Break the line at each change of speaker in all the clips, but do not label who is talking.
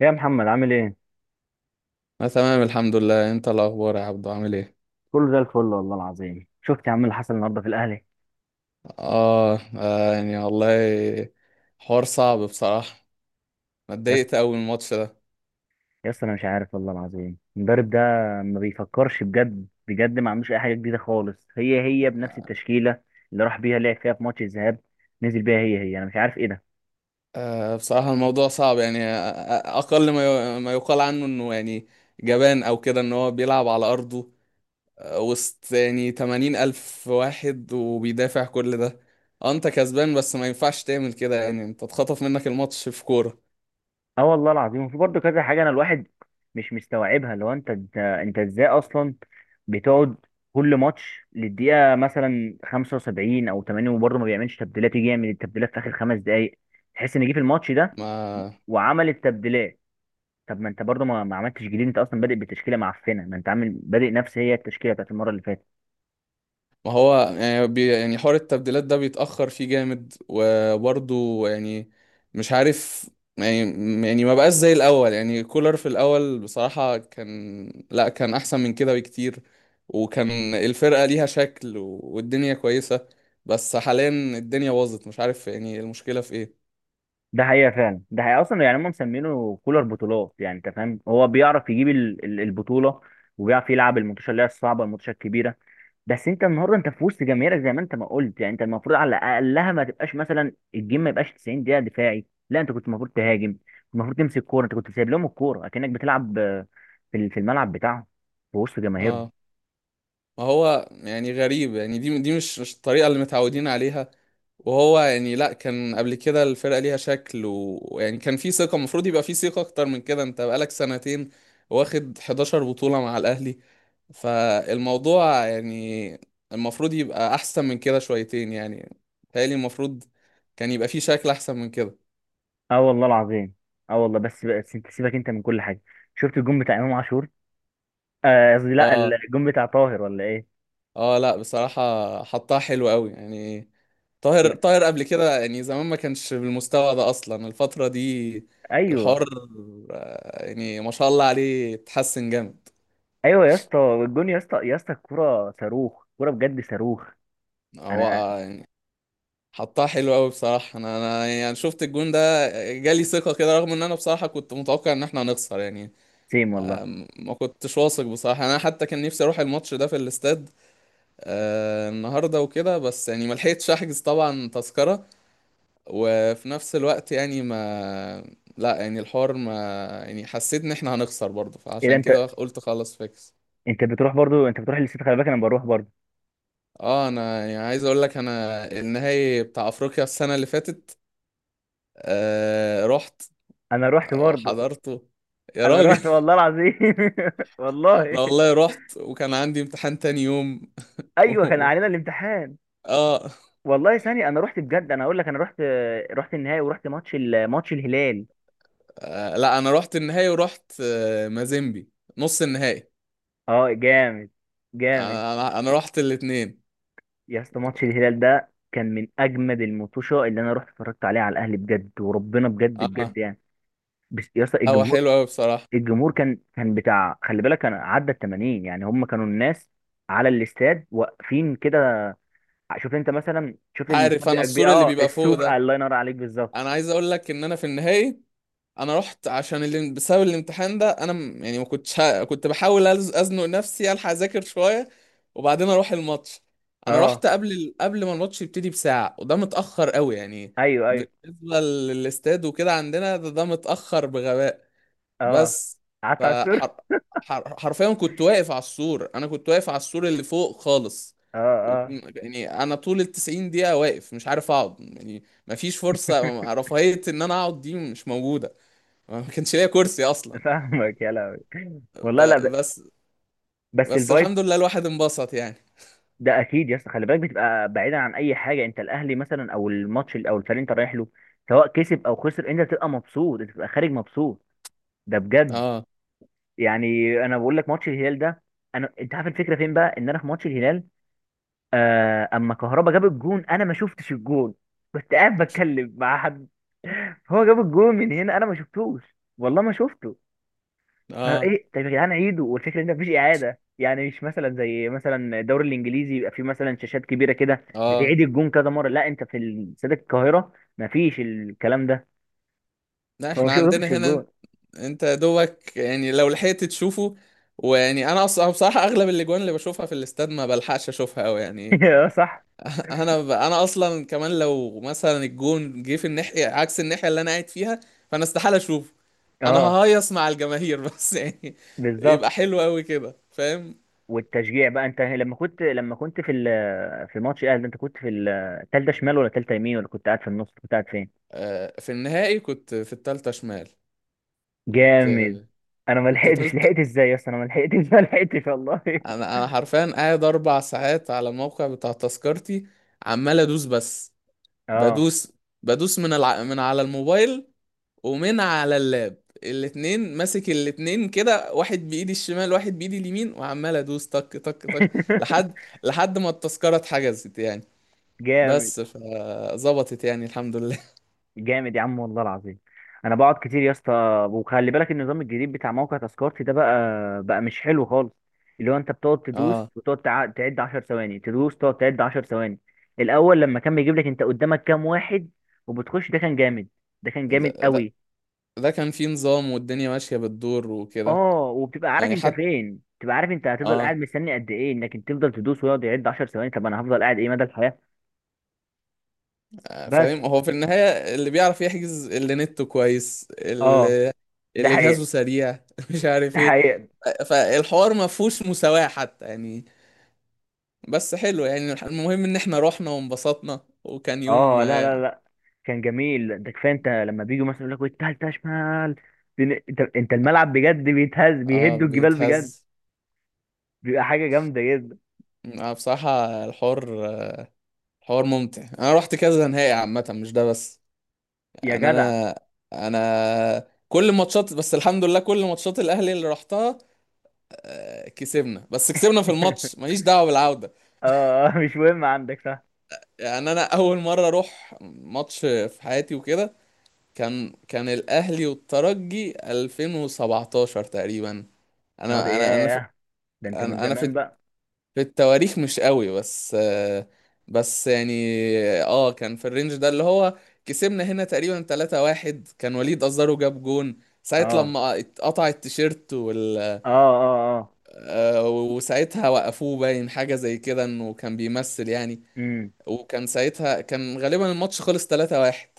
يا محمد عامل ايه؟
انا تمام الحمد لله. انت الاخبار يا عبدو عامل ايه؟
كله زي الفل والله العظيم شفت يا عم اللي حصل النهارده في الاهلي.
اه يعني والله، حوار صعب بصراحه. أنا
يا اسطى،
اتضايقت قوي من الماتش ده.
يا اسطى انا مش عارف والله العظيم المدرب ده ما بيفكرش بجد ما عندوش اي حاجه جديده خالص، هي هي بنفس التشكيله اللي راح بيها لعب فيها في ماتش الذهاب، نزل بيها هي هي. انا مش عارف ايه ده.
بصراحه الموضوع صعب يعني. اقل ما ما يقال عنه انه يعني جبان او كده، ان هو بيلعب على ارضه، وسط يعني 80 الف واحد وبيدافع كل ده. انت كسبان بس ما ينفعش تعمل كده، يعني انت اتخطف منك الماتش في كوره.
اه والله العظيم، وفي برضه كذا حاجه انا الواحد مش مستوعبها. لو انت ازاي اصلا بتقعد كل ماتش للدقيقه مثلا 75 او 80 وبرضه ما بيعملش تبديلات، يجي يعمل التبديلات في اخر خمس دقائق تحس ان جه في الماتش ده
ما،
وعملت تبديلات. طب ما انت برضه ما عملتش جديد، انت اصلا بادئ بتشكيله معفنه، ما انت عامل بادئ نفس هي التشكيله بتاعت المره اللي فاتت.
ما هو يعني يعني حوار التبديلات ده بيتأخر فيه جامد وبرضه يعني مش عارف. يعني، يعني ما بقاش زي الأول. يعني كولر في الأول بصراحة كان، لا كان أحسن من كده بكتير. وكان الفرقة ليها شكل والدنيا كويسة. بس حاليا الدنيا باظت، مش عارف يعني المشكلة في
ده حقيقه فعلا، ده حقيقه اصلا. يعني هم مسمينه كولر بطولات، يعني انت فاهم هو بيعرف يجيب البطوله وبيعرف يلعب الماتشات اللي هي الصعبه، الماتشات الكبيره. بس انت النهارده انت في وسط جماهيرك، زي ما انت ما قلت، يعني انت المفروض على اقلها ما تبقاش مثلا الجيم ما يبقاش 90 دقيقه دفاعي. لا، انت كنت المفروض تهاجم، كنت المفروض تمسك كوره، انت كنت سايب لهم الكوره اكنك بتلعب في في الملعب بتاعهم، في وسط جماهيرهم.
إيه. ما هو يعني غريب، يعني دي مش الطريقة اللي متعودين عليها. وهو يعني، لا كان قبل كده الفرقة ليها شكل ويعني كان في ثقة. المفروض يبقى في ثقة أكتر من كده، أنت بقالك سنتين واخد 11 بطولة مع الأهلي. فالموضوع يعني المفروض يبقى أحسن من كده شويتين، يعني بيتهيألي المفروض كان يبقى في شكل أحسن من كده.
اه والله العظيم. اه والله، بس انت سيبك انت من كل حاجه، شفت الجون بتاع امام عاشور؟ قصدي لا
اه.
الجون بتاع طاهر، ولا ايه؟
اه لا بصراحة، حطها حلو قوي يعني. طاهر
يا-
طاهر قبل كده يعني زمان ما كانش بالمستوى ده، اصلا الفترة دي
ايوه،
الحوار، يعني ما شاء الله عليه اتحسن جامد.
ايوه يا اسطى. الجون يا اسطى، يا اسطى الكوره صاروخ، كوره بجد صاروخ.
هو
انا
آه، يعني حطها حلو قوي بصراحة. انا يعني شفت الجون ده، جالي ثقة كده رغم ان انا بصراحة كنت متوقع ان احنا هنخسر يعني.
سيم والله.
ما كنتش واثق بصراحة، انا حتى كان نفسي اروح الماتش ده في الاستاد، النهارده وكده، بس يعني ما لحقتش احجز طبعا تذكرة. وفي نفس الوقت يعني ما، لا يعني الحوار ما، يعني حسيت ان احنا هنخسر برضه،
ايه ده،
فعشان
انت
كده قلت خلاص فيكس.
انت بتروح برضو؟ انت بتروح للست؟ خلي بالك انا بروح برضو.
اه انا يعني عايز اقول لك، انا النهائي بتاع افريقيا السنة اللي فاتت آه رحت
انا رحت برضو،
وحضرته يا
انا
راجل.
رحت والله العظيم. والله.
لا والله رحت وكان عندي امتحان تاني يوم.
ايوه كان علينا الامتحان.
آه,
والله ثاني انا رحت بجد، انا اقول لك انا رحت. رحت النهائي ورحت ماتش الهلال.
اه لا، انا رحت النهائي ورحت آه مازيمبي نص النهائي.
اه جامد، جامد.
انا انا أنا رحت الاتنين.
يا اسطى ماتش الهلال ده كان من اجمد المطوشه اللي انا رحت اتفرجت عليها على الاهلي بجد، وربنا بجد
اه.
بجد يعني. بس يا اسطى
هو
الجمهور،
حلو قوي بصراحة.
الجمهور كان بتاع، خلي بالك كان عدى ال 80، يعني هم كانوا الناس على الاستاد واقفين كده. شوف انت مثلا، شوف الاستاد
عارف انا
بيبقى كبير.
السور اللي
اه
بيبقى فوق
السور،
ده.
الله ينور عليك، بالظبط.
انا عايز اقول لك ان انا في النهائي، انا رحت عشان اللي بسبب الامتحان ده انا يعني ما كنتش كنت بحاول ازنق نفسي الحق اذاكر شويه، وبعدين اروح الماتش. انا رحت
اه.
قبل ما الماتش يبتدي بساعه، وده متاخر قوي يعني
ايوه، ايوه،
بالنسبه للاستاد وكده عندنا، ده متاخر بغباء.
اه.
بس
قعدت على السور.
فحر... حرفيا كنت واقف على السور. انا كنت واقف على السور اللي فوق خالص.
اه، اه.
يعني انا طول 90 دقيقة واقف، مش عارف اقعد يعني. مفيش فرصة رفاهية، ان انا اقعد دي مش موجودة. ما كانش ليا كرسي اصلا.
فاهمك يا لهوي.
ب...
والله لا
بس
بس
بس
الفايب،
الحمد لله الواحد انبسط يعني.
ده اكيد يا اسطى. خلي بالك بتبقى بعيدا عن اي حاجه. انت الاهلي مثلا او او الفريق اللي انت رايح له، سواء كسب او خسر انت بتبقى مبسوط، انت بتبقى خارج مبسوط، ده بجد.
اه.
يعني انا بقول لك ماتش الهلال ده، انا انت عارف الفكره فين بقى، ان انا في ماتش الهلال اما كهربا جاب الجون انا ما شفتش الجون، كنت قاعد بتكلم مع حد. هو جاب الجون من هنا انا ما شفتوش، والله ما شفته.
اه.
فايه، طب يا جدعان عيدوا. والفكره ان مفيش اعاده، يعني مش مثلا زي مثلا الدوري الانجليزي يبقى فيه مثلا شاشات كبيره كده
اه
بتعيد الجون كذا مره، لا انت في استاد القاهره مفيش الكلام ده.
لا
فما
احنا عندنا
شفتش
هنا.
الجون.
انت يا دوبك يعني لو لحقت تشوفه. ويعني انا اصلا بصراحة اغلب الاجوان اللي بشوفها في الاستاد ما بلحقش اشوفها قوي يعني.
اه صح.
انا اصلا كمان، لو مثلا الجون جه في الناحيه عكس الناحيه اللي انا قاعد فيها، فانا استحاله اشوفه. انا
اه
ههيص مع الجماهير بس يعني يبقى
بالظبط.
حلو قوي كده، فاهم؟
والتشجيع بقى، انت لما كنت، لما كنت في ماتش الاهلي ده، انت كنت في الثالثه شمال، ولا الثالثه يمين، ولا كنت قاعد في النص؟ كنت قاعد فين؟
في النهائي كنت في التالتة شمال. كنت
جامد. انا ما
كنت
لحقتش،
تالت.
لحقت ازاي يا اسطى؟ انا ما لحقتش. ما لحقتش والله.
انا حرفيا قاعد 4 ساعات على الموقع بتاع تذكرتي، عمال ادوس بس.
اه.
بدوس بدوس من من على الموبايل ومن على اللاب الاتنين. ماسك الاتنين كده، واحد بايدي الشمال واحد بايدي اليمين، وعمال ادوس تك تك تك. لحد لحد ما التذكرة اتحجزت يعني،
جامد،
بس فظبطت يعني الحمد لله.
جامد يا عم والله العظيم. انا بقعد كتير يا اسطى. وخلي بالك النظام الجديد بتاع موقع تذكرتي ده بقى، بقى مش حلو خالص. اللي هو انت بتقعد تدوس،
اه
وتقعد تعد 10 ثواني، تدوس، تقعد تعد 10 ثواني. الاول لما كان بيجيب لك انت قدامك كام واحد وبتخش، ده كان جامد، ده كان
ده,
جامد
ده,
قوي.
ده كان فيه نظام والدنيا ماشية بالدور وكده.
اه، وبتبقى عارف
يعني
انت
حتى،
فين، بتبقى عارف انت هتفضل
اه
قاعد مستني قد ايه. انك انت تفضل تدوس ويقعد يعد 10 ثواني؟ طب انا هفضل قاعد ايه، مدى الحياة؟
آه،
بس
فاهم هو في النهاية اللي بيعرف يحجز، اللي نته كويس،
اه،
اللي
ده
اللي جهازه
حقيقة،
سريع. مش عارف
ده
ايه.
حقيقة.
فالحوار ما فيهوش مساواة حتى يعني. بس حلو يعني، المهم ان احنا رحنا وانبسطنا وكان يوم.
اه، لا كان جميل ده. كفايه انت لما بيجوا مثلا يقول لك والتالتة شمال، انت الملعب بجد بيتهز،
اه
بيهدوا الجبال بجد،
بيتهز.
بيبقى حاجه جامده جدا.
آه بصراحة الحوار ممتع. انا رحت كذا نهائي عامة مش ده بس.
يا
يعني
جدع.
انا كل ماتشات، بس الحمد لله كل ماتشات الاهلي اللي رحتها، كسبنا. بس كسبنا في الماتش، ماليش دعوة بالعودة
اه، اه، مش مهم عندك صح.
يعني. انا اول مرة اروح ماتش في حياتي وكده كان، الاهلي والترجي 2017 تقريبا.
اه ده
انا انا انا في
ياه، ده انت من
انا أنا في
زمان بقى.
في التواريخ مش قوي بس، بس يعني اه كان في الرينج ده اللي هو، كسبنا هنا تقريبا 3-1. كان وليد أزارو جاب جون، ساعة
اه،
لما اتقطع التيشيرت وال
اه، اه، اه.
آه، وساعتها وقفوه، باين حاجة زي كده انه كان بيمثل يعني.
امم.
وكان ساعتها كان غالبا الماتش خلص 3-1.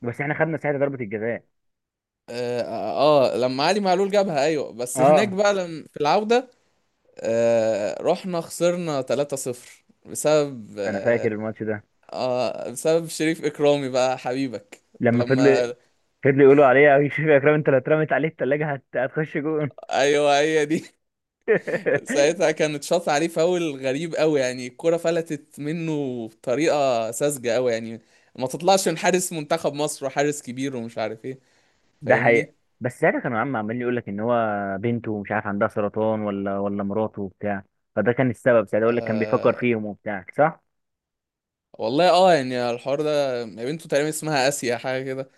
بس احنا خدنا ساعتها ضربة الجزاء.
اه، لما علي معلول جابها، ايوه بس هناك
اه،
بقى في العودة، رحنا خسرنا 3-0 بسبب
انا فاكر
آه،
الماتش ده.
اه بسبب شريف اكرامي بقى حبيبك.
لما فضل،
لما
فضل يقولوا عليه يا شريف يا اكرم، انت لو اترمت عليه التلاجة هتخش جون.
ايوه هي دي. ساعتها كانت شاط عليه فاول غريب قوي يعني، الكرة فلتت منه بطريقة ساذجة قوي يعني. ما تطلعش من حارس منتخب مصر وحارس كبير ومش عارف ايه،
ده
فاهمني؟
حقيقة. بس ساعتها كان عم عمال يقول لك ان هو بنته مش عارف عندها سرطان، ولا مراته وبتاع، فده كان السبب ساعتها، يقول لك كان بيفكر
آه
فيهم وبتاع، صح.
والله. اه يعني الحوار ده بنته تقريبا اسمها اسيا حاجة كده.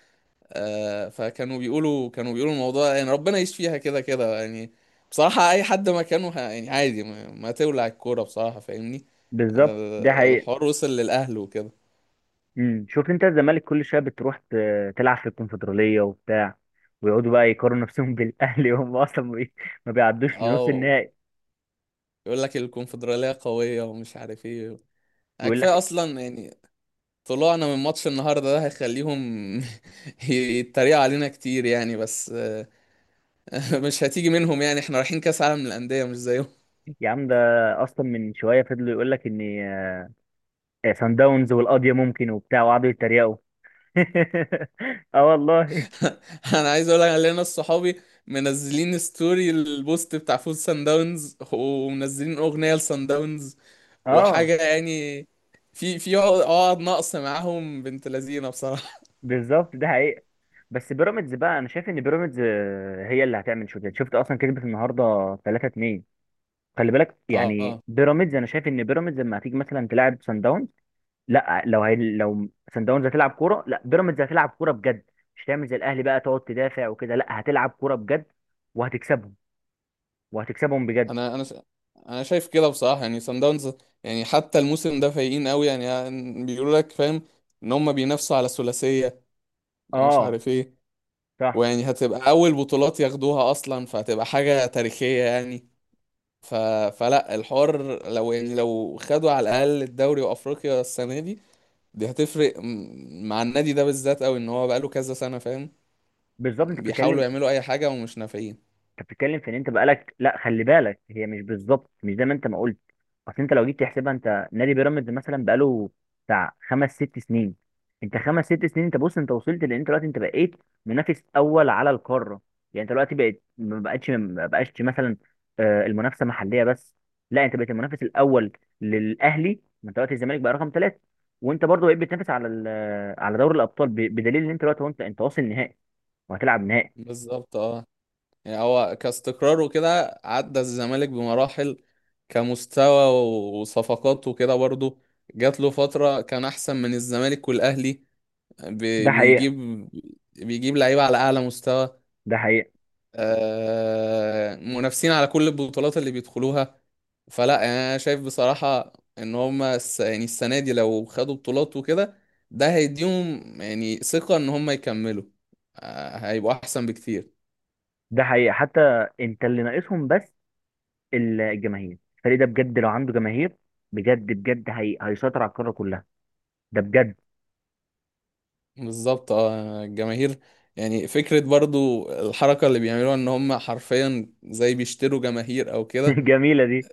آه فكانوا بيقولوا كانوا بيقولوا الموضوع يعني ربنا يشفيها، فيها كده كده يعني. بصراحة اي حد مكانه يعني عادي ما تولع الكورة بصراحة، فاهمني؟
بالظبط ده
.
حقيقة.
الحوار وصل للأهل وكده.
امم، شوف انت الزمالك كل شويه بتروح تلعب في الكونفدرالية وبتاع، ويقعدوا بقى يقارنوا نفسهم بالاهلي، وهم اصلا ما بيعدوش لنص
اه
النهائي.
يقول لك الكونفدرالية قوية ومش عارف ايه،
ويقول
كفاية
لك
اصلا يعني. طلوعنا من ماتش النهاردة ده هيخليهم يتريقوا علينا كتير يعني، بس، مش هتيجي منهم يعني، احنا رايحين كأس عالم للأندية مش زيهم.
يا عم ده، اصلا من شويه فضلوا يقول لك ان سان داونز والقضيه ممكن وبتاع، وقعدوا يتريقوا. اه والله.
انا عايز اقول لك، علينا ناس صحابي منزلين ستوري البوست بتاع فوز سان داونز ومنزلين أغنية لسان داونز
اه
وحاجة يعني. في عقد ناقص معاهم بنت لذينه بصراحة.
بالظبط ده حقيقة. بس بيراميدز بقى، انا شايف ان بيراميدز هي اللي هتعمل شغل. شفت اصلا كسبت النهارده 3-2. خلي بالك، يعني
اه
بيراميدز، انا شايف ان بيراميدز لما هتيجي مثلا تلعب سان داونز، لا، لو سان داونز هتلعب كوره، لا بيراميدز هتلعب كوره بجد، مش هتعمل زي الاهلي بقى تقعد تدافع وكده، لا هتلعب كوره بجد وهتكسبهم، وهتكسبهم بجد.
انا انا ش... انا شايف كده بصراحه يعني سان داونز، يعني حتى الموسم ده فايقين قوي يعني، يعني بيقولوا لك فاهم ان هم بينافسوا على ثلاثيه ومش
اه
عارف ايه.
صح.
ويعني هتبقى اول بطولات ياخدوها اصلا، فهتبقى حاجه تاريخيه يعني. ف... فلا الحوار، لو يعني لو خدوا على الاقل الدوري وافريقيا السنه دي، دي هتفرق مع النادي ده بالذات قوي، ان هو بقاله كذا سنه فاهم.
بالظبط. انت
بيحاولوا
بتتكلم،
يعملوا اي حاجه ومش نافعين.
انت بتتكلم في ان انت بقالك، لا خلي بالك هي مش بالظبط مش زي ما انت ما قلت. اصل انت لو جيت تحسبها، انت نادي بيراميدز مثلا بقاله بتاع خمس ست سنين، انت خمس ست سنين، انت بص، انت وصلت لان انت دلوقتي انت بقيت منافس اول على القاره. يعني انت دلوقتي بقيت، ما بقتش، ما بقاش مثلا المنافسه محليه بس، لا انت بقيت المنافس الاول للاهلي. ما انت دلوقتي الزمالك بقى رقم ثلاثه، وانت برضه بقيت بتنافس على على دوري الابطال، بدليل ان انت دلوقتي هو انت واصل نهائي، وهتلعب نهائي.
بالظبط اه، يعني هو كاستقرار وكده عدى الزمالك بمراحل كمستوى وصفقات وكده برضو. جات له فترة كان أحسن من الزمالك والأهلي، بي-
ده حقيقة،
بيجيب بيجيب لعيبة على أعلى مستوى
ده حقيقة،
آه، منافسين على كل البطولات اللي بيدخلوها. فلا يعني أنا شايف بصراحة إن هما يعني السنة دي لو خدوا بطولات وكده، ده هيديهم يعني ثقة إن هما يكملوا، هيبقوا أحسن بكتير.
ده حقيقة. حتى انت اللي ناقصهم بس الجماهير، الفريق ده بجد لو عنده جماهير بجد هيسيطر على القارة كلها، ده بجد.
بالظبط اه الجماهير يعني، فكرة برضو الحركة اللي بيعملوها ان هم حرفيا زي بيشتروا جماهير او كده.
جميلة دي.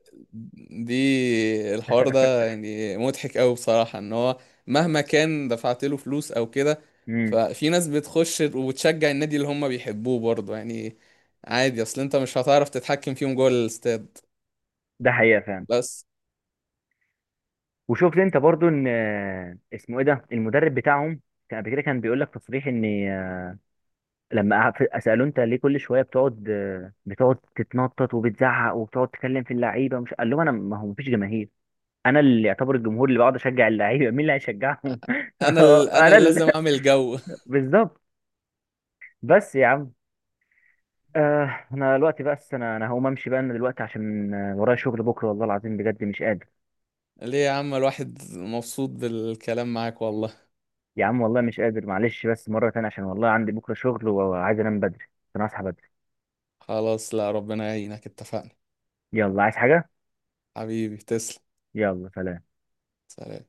دي الحوار ده يعني مضحك قوي بصراحة، ان هو مهما كان دفعت له فلوس او كده،
امم.
ففي ناس بتخش وتشجع النادي اللي هم بيحبوه برضو يعني. عادي اصل انت مش هتعرف تتحكم فيهم جوه الاستاد.
ده حقيقة فعلا.
بس
وشفت انت برضو ان اسمه ايه ده، المدرب بتاعهم كان قبل كده كان بيقول لك تصريح ان لما سألوه انت ليه كل شوية بتقعد بتقعد تتنطط وبتزعق وبتقعد تتكلم في اللعيبة، مش قال لهم انا، ما هو مفيش جماهير، انا اللي يعتبر الجمهور، اللي بقعد اشجع اللعيبة مين اللي هيشجعهم؟
انا
انا
اللي
اللي،
لازم اعمل جو.
بالظبط. بس يا عم، آه انا دلوقتي، بس انا هقوم امشي بقى، انا دلوقتي عشان ورايا شغل بكره والله العظيم بجد مش قادر.
ليه يا عم الواحد مبسوط بالكلام معاك والله.
يا عم والله مش قادر معلش، بس مره تانية، عشان والله عندي بكره شغل وعايز انام بدري عشان اصحى بدري.
خلاص لا، ربنا يعينك اتفقنا.
يلا، عايز حاجه؟
حبيبي تسلم.
يلا سلام.
سلام.